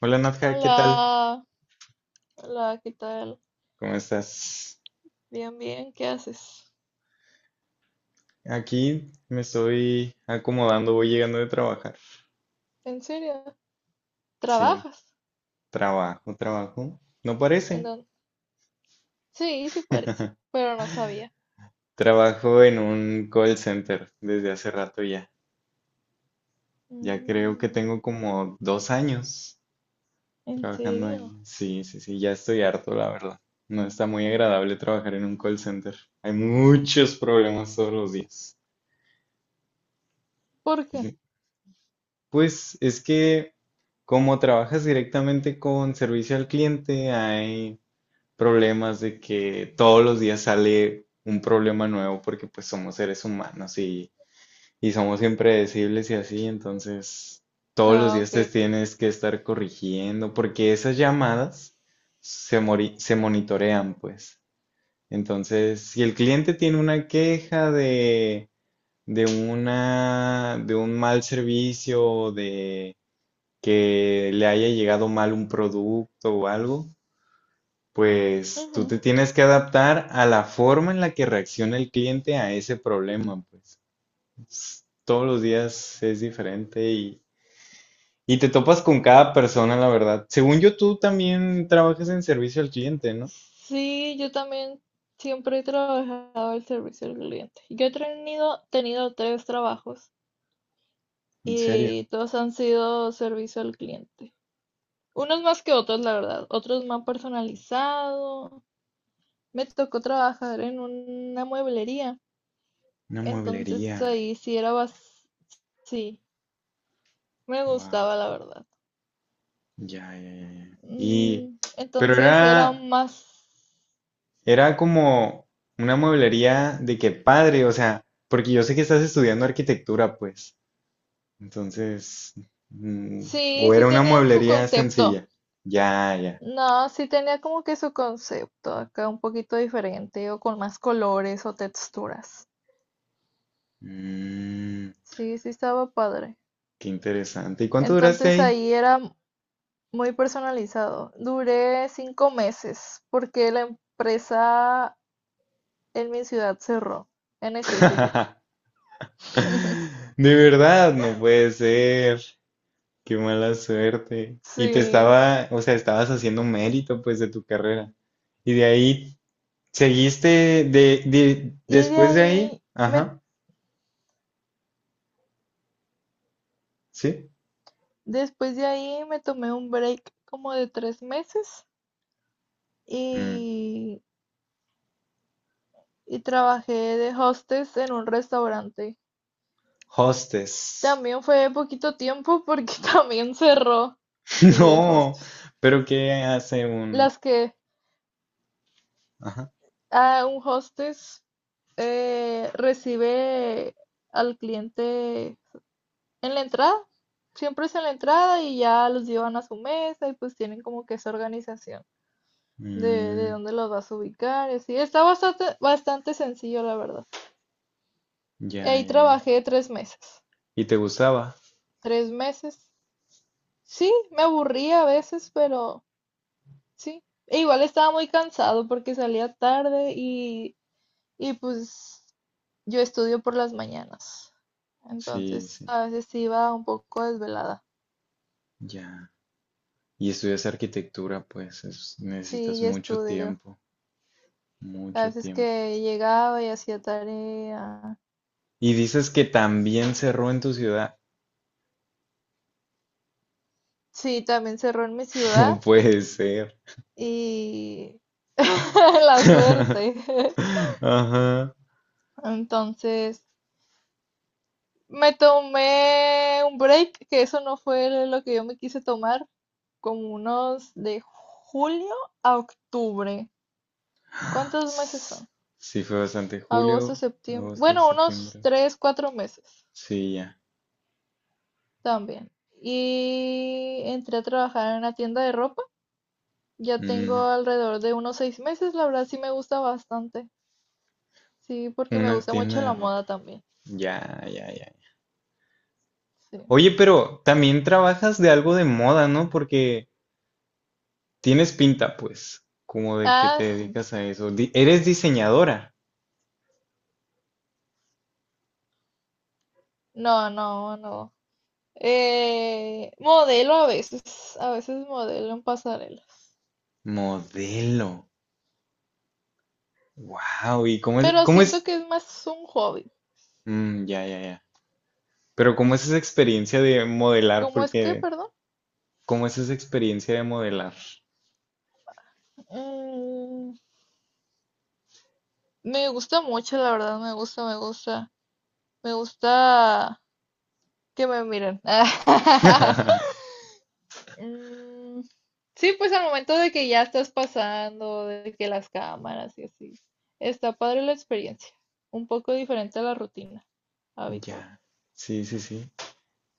Hola Nadja, ¿qué tal? Hola, hola, ¿qué tal? ¿Cómo estás? Bien, bien, ¿qué haces? Aquí me estoy acomodando, voy llegando de trabajar. ¿En serio? Sí, ¿Trabajas? trabajo, trabajo. No ¿En parece. dónde? Sí, sí parece, pero no sabía. Trabajo en un call center desde hace rato ya. Ya creo que Mm, tengo como 2 años ¿En trabajando serio? ahí. Sí, sí, sí, ya estoy harto, la verdad. No está muy agradable trabajar en un call center. Hay muchos problemas todos los días. ¿Por qué? Pues es que como trabajas directamente con servicio al cliente, hay problemas de que todos los días sale un problema nuevo porque pues somos seres humanos y somos impredecibles y así, entonces todos los Ah, días te ok. tienes que estar corrigiendo porque esas llamadas se monitorean pues. Entonces, si el cliente tiene una queja de un mal servicio, o de que le haya llegado mal un producto o algo, pues tú Ujú. te tienes que adaptar a la forma en la que reacciona el cliente a ese problema, pues todos los días es diferente y te topas con cada persona, la verdad. Según yo, tú también trabajas en servicio al cliente, ¿no? Sí, yo también siempre he trabajado el servicio al cliente. Yo he tenido tres trabajos En serio, y todos han sido servicio al cliente. Unos más que otros, la verdad. Otros más personalizados me tocó trabajar en una mueblería, una entonces mueblería. ahí sí era sí, me Wow, gustaba la verdad. ya, ya, ya, ya. Pero Entonces era era. más, Era como una mueblería de que padre, o sea, porque yo sé que estás estudiando arquitectura, pues. Entonces, mm, sí, o sí era una tenían su mueblería concepto. sencilla. Ya, ya. No, sí tenía como que su concepto acá un poquito diferente o con más colores o texturas. Mm, Sí, sí estaba padre. Qué interesante. ¿Y cuánto duraste Entonces ahí? ahí era muy personalizado. Duré 5 meses porque la empresa en mi ciudad cerró, en específico. De verdad, no puede ser. Qué mala suerte. Y te Sí. estaba, o sea, estabas haciendo mérito, pues, de tu carrera. Y de ahí, ¿seguiste Y de después de ahí? ahí, Ajá, sí. después de ahí me tomé un break como de 3 meses Mm, y, y trabajé de hostess en un restaurante. Hostess. También fue poquito tiempo porque también cerró. Sí, de No, hostess. pero ¿qué hace un...? Las que Ajá. a un hostess recibe al cliente en la entrada, siempre es en la entrada y ya los llevan a su mesa y pues tienen como que esa organización de Mm, dónde los vas a ubicar y así. Está bastante, bastante sencillo, la verdad. ya, Ahí ya, ya. trabajé 3 meses. ¿Y te gustaba? 3 meses. Sí, me aburría a veces, pero sí. E igual estaba muy cansado porque salía tarde y pues yo estudio por las mañanas. Sí, Entonces sí, a veces iba un poco desvelada. ya. Y estudias arquitectura, pues Sí, necesitas y mucho estudio. tiempo, A mucho veces tiempo. que llegaba y hacía tarea. Y dices que también cerró en tu ciudad. Sí, también cerró en mi No ciudad puede ser. y la suerte. Ajá. Entonces, me tomé un break, que eso no fue lo que yo me quise tomar, como unos de julio a octubre. ¿Cuántos meses S- son? Sí, fue bastante. Agosto, Julio, septiembre. agosto, Bueno, unos septiembre. 3, 4 meses Sí, ya. también. Y entré a trabajar en una tienda de ropa. Ya Mm, tengo alrededor de unos 6 meses, la verdad sí me gusta bastante. Sí, porque me una gusta tienda mucho de la ropa. moda también. Ya, ya, ya. Sí. Oye, pero también trabajas de algo de moda, ¿no? Porque tienes pinta, pues, como de que Ah, te sí. dedicas a eso. Eres diseñadora, No, no, no. Modelo a veces modelo en pasarelas. modelo. Wow, ¿y cómo es, Pero cómo siento es? que es más un hobby. Mm, ya, ya, ya. Pero ¿cómo es esa experiencia de modelar? ¿Cómo es que, Porque, perdón? ¿cómo es esa experiencia de modelar? Mm, Me gusta mucho, la verdad, me gusta, me gusta. Me gusta que me miren. Mm, sí, pues al momento de que ya estás pasando, de que las cámaras y así. Está padre la experiencia. Un poco diferente a la rutina habitual. Ya, sí, sí, sí.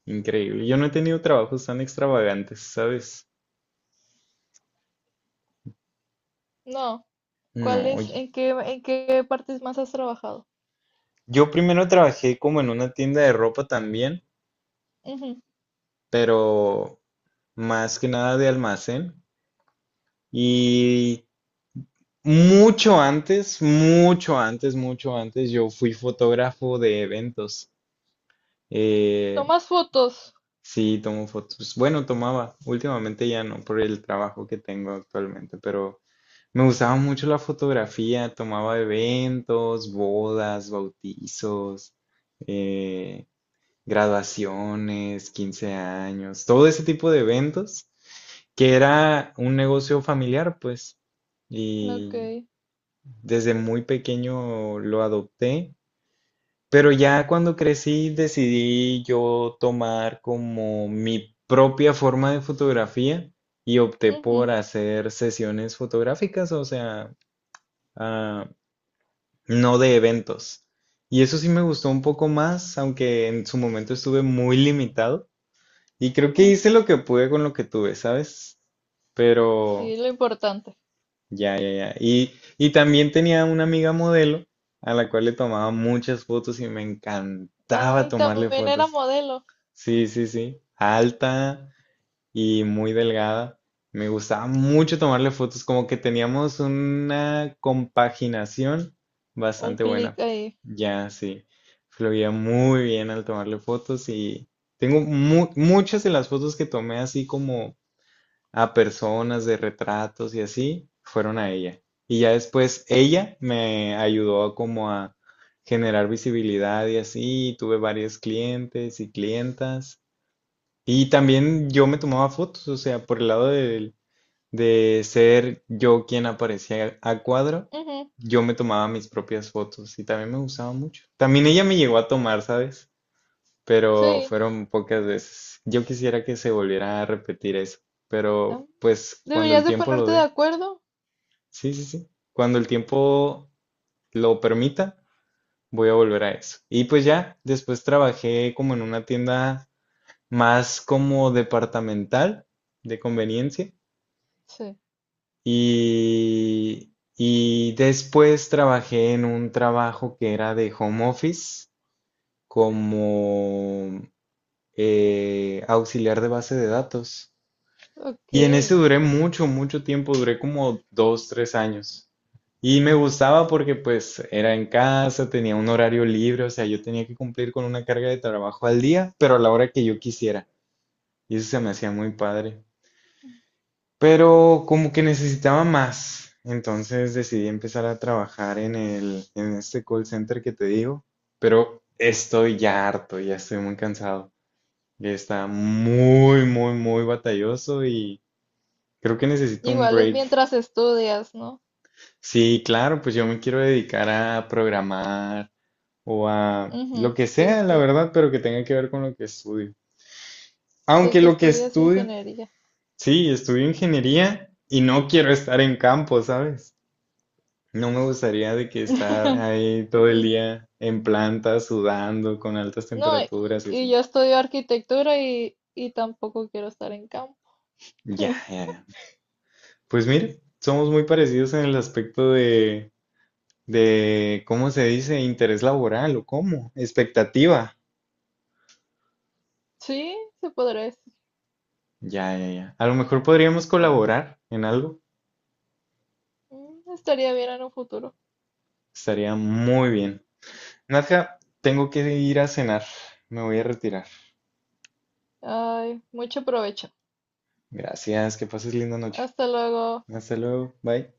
Increíble. Yo no he tenido trabajos tan extravagantes, ¿sabes? No, ¿cuál No, es? oye. ¿En qué partes más has trabajado? Yo primero trabajé como en una tienda de ropa también, Ujú. pero más que nada de almacén. Y mucho antes, mucho antes, mucho antes, yo fui fotógrafo de eventos. Eh, ¿Tomas fotos? sí, tomo fotos. Bueno, tomaba. Últimamente ya no, por el trabajo que tengo actualmente, pero me gustaba mucho la fotografía. Tomaba eventos, bodas, bautizos, eh, graduaciones, 15 años, todo ese tipo de eventos, que era un negocio familiar, pues. Ok. Y desde muy pequeño lo adopté, pero ya cuando crecí decidí yo tomar como mi propia forma de fotografía y opté Ujú, por hacer sesiones fotográficas, o sea, ah, no de eventos. Y eso sí me gustó un poco más, aunque en su momento estuve muy limitado. Y creo que ujú. hice lo que pude con lo que tuve, ¿sabes? Sí, Pero lo importante. ya, ya, ya. Y también tenía una amiga modelo a la cual le tomaba muchas fotos y me encantaba Ay, tomarle también era fotos. modelo. Sí, sí, sí. Alta y muy delgada. Me gustaba mucho tomarle fotos, como que teníamos una compaginación Un bastante clic buena. ahí. Ya, sí. Fluía muy bien al tomarle fotos y tengo muchas de las fotos que tomé así como a personas de retratos y así, fueron a ella. Y ya después ella me ayudó como a generar visibilidad y así, y tuve varios clientes y clientas. Y también yo me tomaba fotos, o sea, por el lado de, ser yo quien aparecía a cuadro, Ujú, yo me tomaba mis propias fotos y también me gustaba mucho. También ella me llegó a tomar, ¿sabes? Pero sí. fueron pocas Ah, veces. Yo quisiera que se volviera a repetir eso, ah. pero pues cuando el Deberías de tiempo lo ponerte de dé, acuerdo. sí, sí, sí, cuando el tiempo lo permita, voy a volver a eso. Y pues ya, después trabajé como en una tienda más como departamental de conveniencia Sí. Y después trabajé en un trabajo que era de home office como auxiliar de base de datos. Ok. Y en ese duré mucho, mucho tiempo, duré como 2, 3 años. Y me gustaba porque pues era en casa, tenía un horario libre, o sea, yo tenía que cumplir con una carga de trabajo al día, pero a la hora que yo quisiera. Y eso se me hacía muy padre. Pero como que necesitaba más. Entonces decidí empezar a trabajar en este call center que te digo. Pero estoy ya harto, ya estoy muy cansado. Ya está muy, muy, muy batalloso y creo que necesito un Igual es break. mientras estudias, ¿no? Sí, claro, pues yo me quiero dedicar a programar o a lo Ujú, que sí, sea, la sí. verdad, pero que tenga que ver con lo que estudio. Sé Aunque que lo que estudias estudio, ingeniería. sí, estudio ingeniería y no quiero estar en campo, ¿sabes? No me gustaría de que estar ahí todo el Ujú. día en planta, sudando, con altas No, y, temperaturas y y así. yo estudio arquitectura y tampoco quiero estar en campo. Ya, ya, ya. Pues mire, somos muy parecidos en el aspecto de, ¿cómo se dice? Interés laboral o cómo, expectativa. Sí, se podría decir, Ya, ya, ya. A lo mejor podríamos sí. colaborar en algo. Estaría bien en un futuro. Estaría muy bien. Nadja, tengo que ir a cenar. Me voy a retirar. Ay, mucho provecho. Gracias, que pases linda noche. Hasta luego. Hasta luego. Bye.